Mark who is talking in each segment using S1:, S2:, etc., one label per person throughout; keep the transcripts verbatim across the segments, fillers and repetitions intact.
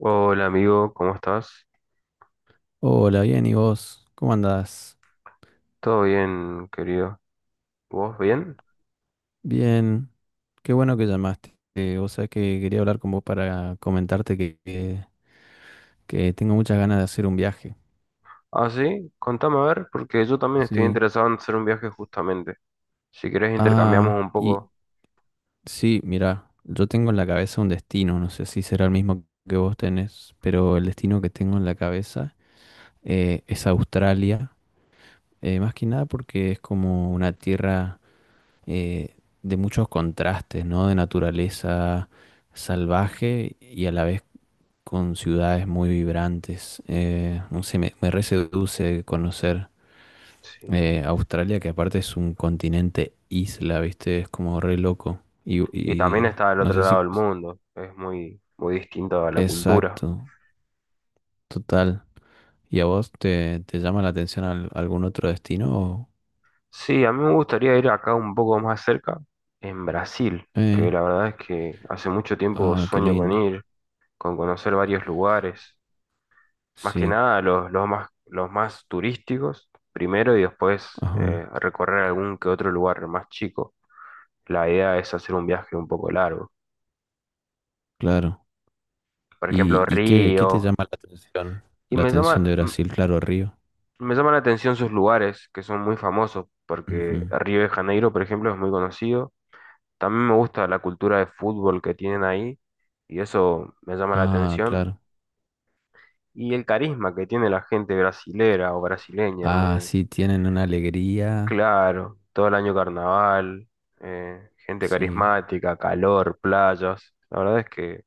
S1: Hola amigo, ¿cómo estás?
S2: Hola, bien, ¿y vos? ¿Cómo andás?
S1: ¿Todo bien, querido? ¿Vos bien?
S2: Bien, qué bueno que llamaste. Eh, vos sabés que quería hablar con vos para comentarte que, que, que tengo muchas ganas de hacer un viaje.
S1: Ah, sí, contame a ver, porque yo también estoy
S2: Sí.
S1: interesado en hacer un viaje justamente. Si querés intercambiamos
S2: Ah,
S1: un
S2: y
S1: poco.
S2: sí, mira, yo tengo en la cabeza un destino, no sé si será el mismo que vos tenés, pero el destino que tengo en la cabeza eh, es Australia, eh, más que nada porque es como una tierra eh, de muchos contrastes, ¿no? De naturaleza salvaje y a la vez con ciudades muy vibrantes. Eh, no sé, me, me re seduce conocer,
S1: Sí.
S2: eh, Australia, que aparte es un continente isla, ¿viste? Es como re loco. Y,
S1: Y también
S2: y
S1: está del
S2: no
S1: otro
S2: sé
S1: lado
S2: si...
S1: del mundo, es muy, muy distinto a la cultura.
S2: Exacto, total. ¿Y a vos te, te llama la atención al- algún otro destino? O-
S1: Sí, a mí me gustaría ir acá un poco más cerca, en Brasil,
S2: Eh,
S1: que la verdad es que hace mucho tiempo
S2: ah, qué
S1: sueño con
S2: lindo.
S1: ir, con conocer varios lugares. Más que
S2: Sí,
S1: nada los, los más, los más turísticos primero y después
S2: ajá,
S1: eh, recorrer algún que otro lugar más chico. La idea es hacer un viaje un poco largo.
S2: claro.
S1: Por
S2: ¿Y,
S1: ejemplo,
S2: y qué, qué te
S1: Río.
S2: llama la atención?
S1: Y
S2: La
S1: me
S2: atención
S1: llama,
S2: de
S1: m-
S2: Brasil, claro, Río.
S1: me llama la atención sus lugares que son muy famosos porque
S2: Ujú.
S1: Río de Janeiro, por ejemplo, es muy conocido. También me gusta la cultura de fútbol que tienen ahí y eso me llama la
S2: Ah,
S1: atención.
S2: claro.
S1: Y el carisma que tiene la gente brasilera o brasileña.
S2: Ah, sí, tienen una alegría.
S1: Claro, todo el año carnaval, eh, gente
S2: Sí,
S1: carismática, calor, playas. La verdad es que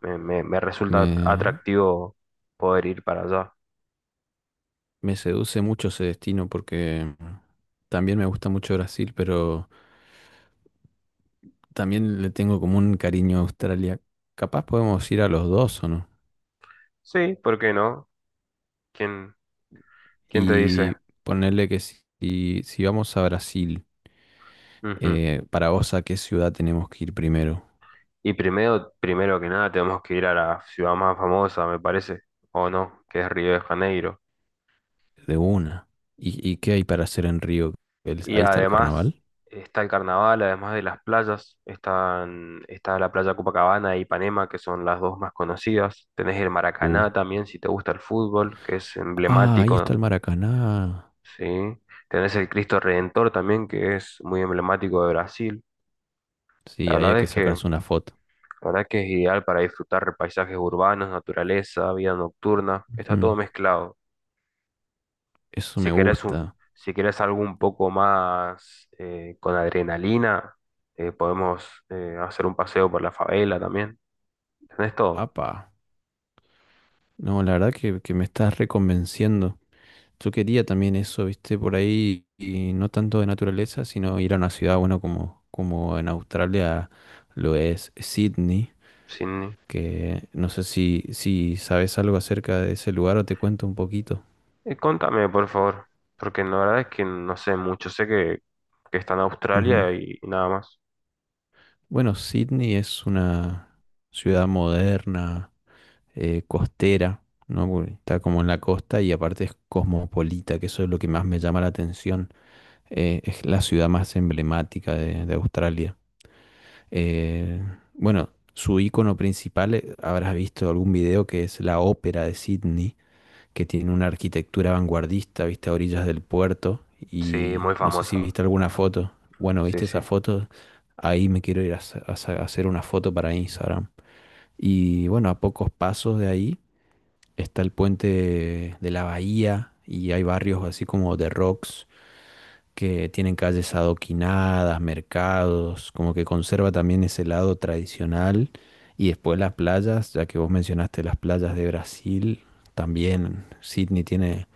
S1: me, me- me resulta
S2: me,
S1: atractivo poder ir para allá.
S2: me seduce mucho ese destino porque también me gusta mucho Brasil, pero también le tengo como un cariño a Australia. Capaz podemos ir a los dos, ¿o no?
S1: Sí, ¿por qué no? ¿Quién, quién te dice?
S2: Y ponerle que si, si si vamos a Brasil,
S1: Ujú.
S2: eh, para vos, ¿a qué ciudad tenemos que ir primero?
S1: Y primero, primero que nada, tenemos que ir a la ciudad más famosa, me parece, o no, que es Río de Janeiro.
S2: De una. ¿Y, y qué hay para hacer en Río? El-
S1: Y
S2: ahí está el
S1: además
S2: carnaval.
S1: está el carnaval, además de las playas, están, está la playa Copacabana y Ipanema, que son las dos más conocidas. Tenés el
S2: Uh.
S1: Maracaná también, si te gusta el fútbol, que es
S2: Ah, ahí está
S1: emblemático,
S2: el Maracaná.
S1: ¿sí? Tenés el Cristo Redentor también, que es muy emblemático de Brasil. La
S2: Sí, ahí hay
S1: verdad
S2: que
S1: es que, la
S2: sacarse una foto.
S1: verdad que es ideal para disfrutar paisajes urbanos, naturaleza, vida nocturna. Está
S2: Ujú.
S1: todo mezclado.
S2: Eso
S1: Si
S2: me
S1: querés un,
S2: gusta.
S1: si querés algo un poco más eh, con adrenalina, eh, podemos eh, hacer un paseo por la favela también. Tenés todo.
S2: Apa. No, la verdad que, que me estás reconvenciendo. Yo quería también eso, viste, por ahí, y no tanto de naturaleza, sino ir a una ciudad, bueno, como, como en Australia lo es Sydney,
S1: Sin...
S2: que no sé si, si sabes algo acerca de ese lugar o te cuento un poquito.
S1: eh, contame, por favor, porque la verdad es que no sé mucho. Sé que, que está en
S2: Ujú.
S1: Australia y, y nada más.
S2: Bueno, Sydney es una ciudad moderna, eh, costera, ¿no? Porque está como en la costa y aparte es cosmopolita, que eso es lo que más me llama la atención, eh, es la ciudad más emblemática de, de Australia. Eh, bueno, su icono principal, eh, habrás visto algún video que es la Ópera de Sydney, que tiene una arquitectura vanguardista, viste, a orillas del puerto.
S1: Sí,
S2: Y
S1: muy
S2: no sé si
S1: famosa.
S2: viste alguna foto. Bueno,
S1: Sí,
S2: viste
S1: sí,
S2: esa foto. Ahí me quiero ir a, sa- a sa- a hacer una foto para Instagram. Y bueno, a pocos pasos de ahí está el puente de la bahía y hay barrios así como The Rocks, que tienen calles adoquinadas, mercados, como que conserva también ese lado tradicional. Y después las playas, ya que vos mencionaste las playas de Brasil, también Sydney tiene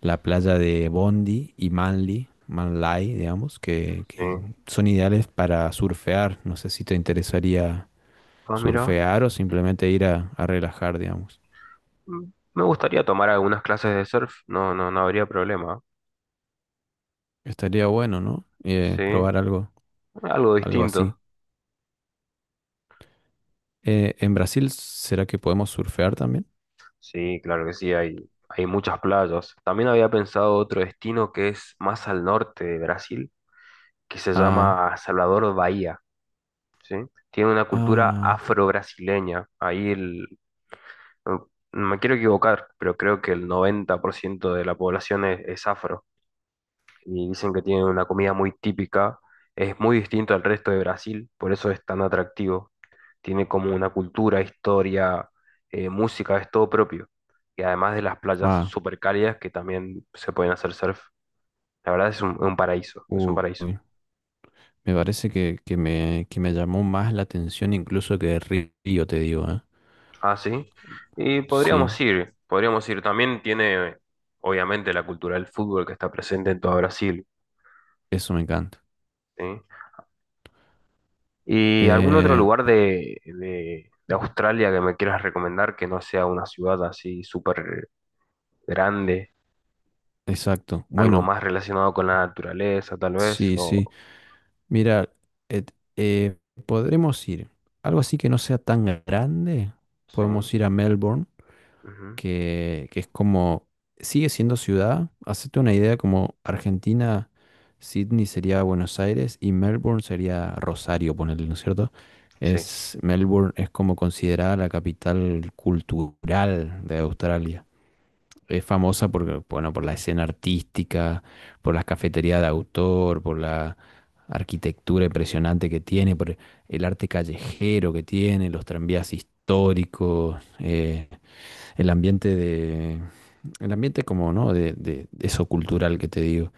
S2: la playa de Bondi y Manly, Manly, digamos, que, que
S1: sí.
S2: son ideales para surfear. No sé si te interesaría
S1: Ah, mira.
S2: surfear o simplemente ir a, a relajar, digamos.
S1: Mm, Me gustaría tomar algunas clases de surf. No, no, no habría problema.
S2: Estaría bueno, ¿no? Eh,
S1: Sí,
S2: probar algo,
S1: algo
S2: algo así.
S1: distinto.
S2: Eh, ¿en Brasil será que podemos surfear también?
S1: Sí, claro que sí, hay, hay muchas playas. También había pensado otro destino que es más al norte de Brasil, que se
S2: Ah.
S1: llama Salvador Bahía, ¿sí? Tiene una cultura
S2: Ah,
S1: afro-brasileña. Ahí el, no no me quiero equivocar, pero creo que el noventa por ciento de la población es, es afro. Y dicen que tienen una comida muy típica, es muy distinto al resto de Brasil, por eso es tan atractivo. Tiene como una cultura, historia, eh, música, es todo propio. Y además de las playas
S2: ah,
S1: súper cálidas que también se pueden hacer surf. La verdad es un, un paraíso, es un paraíso.
S2: uy, me parece que, que me, que me llamó más la atención incluso que Río, te digo, ¿eh?
S1: Ah, sí. Y
S2: Sí,
S1: podríamos ir, podríamos ir. También tiene, obviamente, la cultura del fútbol que está presente en todo Brasil.
S2: eso me encanta.
S1: ¿Sí? ¿Y algún otro
S2: Eh,
S1: lugar de, de- de Australia que me quieras recomendar que no sea una ciudad así súper grande?
S2: exacto.
S1: Algo
S2: Bueno,
S1: más relacionado con la naturaleza, tal vez,
S2: sí, sí.
S1: o...
S2: Mira, et- eh, podremos ir. Algo así que no sea tan grande.
S1: Sí.
S2: Podemos ir a Melbourne.
S1: Ujú,
S2: que, que es como, sigue siendo ciudad. Hacete una idea como Argentina, Sydney sería Buenos Aires y Melbourne sería Rosario, ponerle, ¿no es cierto?
S1: sí,
S2: Es, Melbourne es como considerada la capital cultural de Australia. Es famosa por, bueno, por la escena artística, por las cafeterías de autor, por la arquitectura impresionante que tiene, por el arte callejero que tiene, los tranvías históricos. Eh, el ambiente de, el ambiente como, ¿no? De, de- de eso cultural que te digo.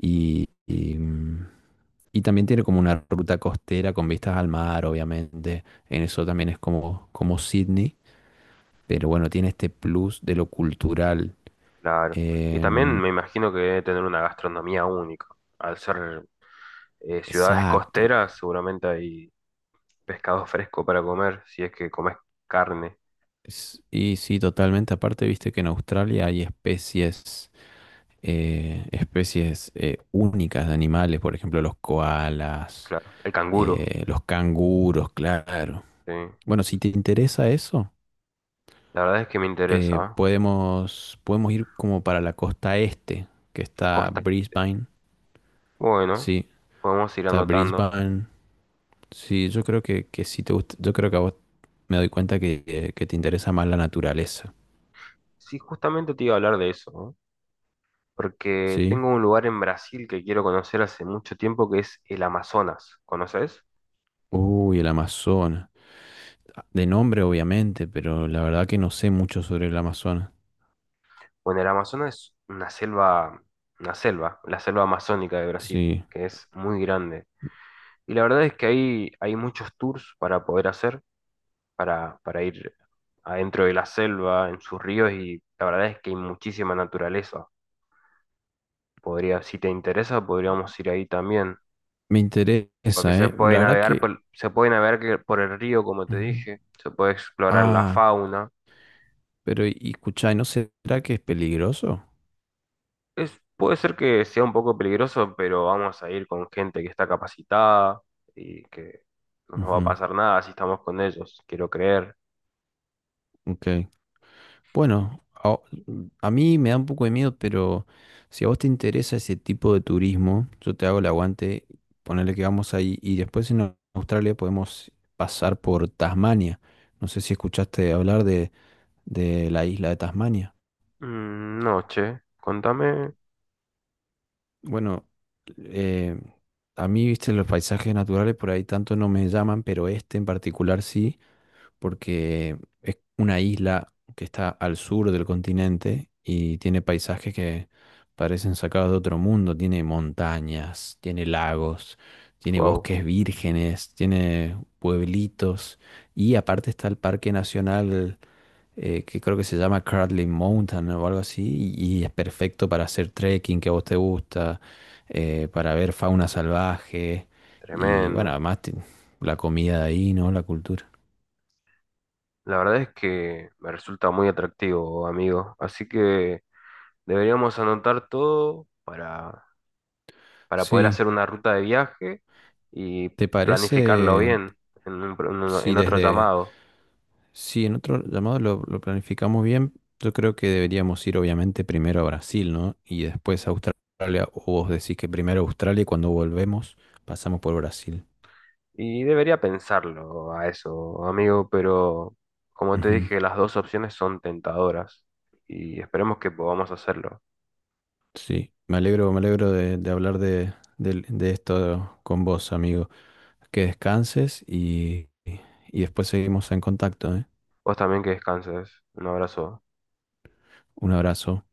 S2: Y, y, mm, y también tiene como una ruta costera con vistas al mar, obviamente. En eso también es como, como Sydney, pero bueno, tiene este plus de lo cultural.
S1: claro. Y también
S2: Em,
S1: me imagino que debe tener una gastronomía única. Al ser eh, ciudades
S2: exacto.
S1: costeras, seguramente hay pescado fresco para comer, si es que comes carne,
S2: Es- y sí, totalmente. Aparte, viste que en Australia hay especies, eh, especies eh, únicas de animales, por ejemplo, los koalas,
S1: claro. El canguro,
S2: eh, los canguros, claro.
S1: sí.
S2: Bueno, si te interesa eso,
S1: La verdad es que me
S2: eh,
S1: interesa, ¿eh?
S2: podemos, podemos ir como para la costa este, que está
S1: Costa.
S2: Brisbane.
S1: Bueno,
S2: Sí,
S1: podemos ir
S2: está
S1: anotando.
S2: Brisbane. Sí, yo creo que, que si te gusta, yo creo que a vos me doy cuenta que, eh, que te interesa más la naturaleza.
S1: Sí, justamente te iba a hablar de eso, ¿no? Porque
S2: Sí.
S1: tengo un lugar en Brasil que quiero conocer hace mucho tiempo que es el Amazonas. ¿Conoces?
S2: Uy, el Amazonas. De nombre, obviamente, pero la verdad que no sé mucho sobre el Amazonas.
S1: Bueno, el Amazonas es una selva, una selva, la selva amazónica de Brasil,
S2: Sí.
S1: que es muy grande. Y la verdad es que hay, hay muchos tours para poder hacer, para, para ir adentro de la selva, en sus ríos, y la verdad es que hay muchísima naturaleza. Podría, si te interesa, podríamos ir ahí también,
S2: Me
S1: porque
S2: interesa,
S1: se
S2: ¿eh?
S1: puede
S2: La verdad
S1: navegar
S2: que...
S1: por, se puede navegar que- por el río, como te
S2: Ujú.
S1: dije, se puede explorar la
S2: Ah,
S1: fauna.
S2: pero y, escuchá, ¿y no será que es peligroso?
S1: Es, puede ser que sea un poco peligroso, pero vamos a ir con gente que está capacitada y que no nos va a
S2: Ujú,
S1: pasar nada si estamos con ellos, quiero creer.
S2: ok. Bueno, a, a mí me da un poco de miedo, pero si a vos te interesa ese tipo de turismo, yo te hago el aguante, ponerle que vamos ahí y después en Au- Australia podemos pasar por Tasmania. No sé si escuchaste hablar de, de la isla de Tasmania.
S1: Mm, no, che, contame.
S2: Bueno, eh, a mí, viste, los paisajes naturales por ahí tanto no me llaman, pero este en particular sí, porque es una isla que está al sur del continente y tiene paisajes que parecen sacados de otro mundo. Tiene montañas, tiene lagos, tiene
S1: Wow,
S2: bosques vírgenes, tiene pueblitos y aparte está el Parque Nacional eh, que creo que se llama Cradley Mountain o algo así, y, y es perfecto para hacer trekking que a vos te gusta, eh, para ver fauna salvaje y bueno,
S1: tremendo.
S2: además ti- la comida de ahí, ¿no? La cultura.
S1: La verdad es que me resulta muy atractivo, amigo. Así que deberíamos anotar todo para, para poder
S2: Sí,
S1: hacer una ruta de viaje y
S2: ¿te
S1: planificarlo
S2: parece
S1: bien en un pro- en un-
S2: si
S1: en otro
S2: desde,
S1: llamado.
S2: si en otro llamado lo, lo planificamos bien? Yo creo que deberíamos ir obviamente primero a Brasil, ¿no? Y después a Australia, o vos decís que primero Australia y cuando volvemos pasamos por Brasil.
S1: Y debería pensarlo a eso, amigo, pero como te
S2: Ujú.
S1: dije, las dos opciones son tentadoras y esperemos que podamos hacerlo.
S2: Sí, me alegro, me alegro de, de hablar de, del- de esto con vos, amigo. Que descanses y, y después seguimos en contacto, ¿eh?
S1: Vos también que descanses. Un abrazo.
S2: Un abrazo.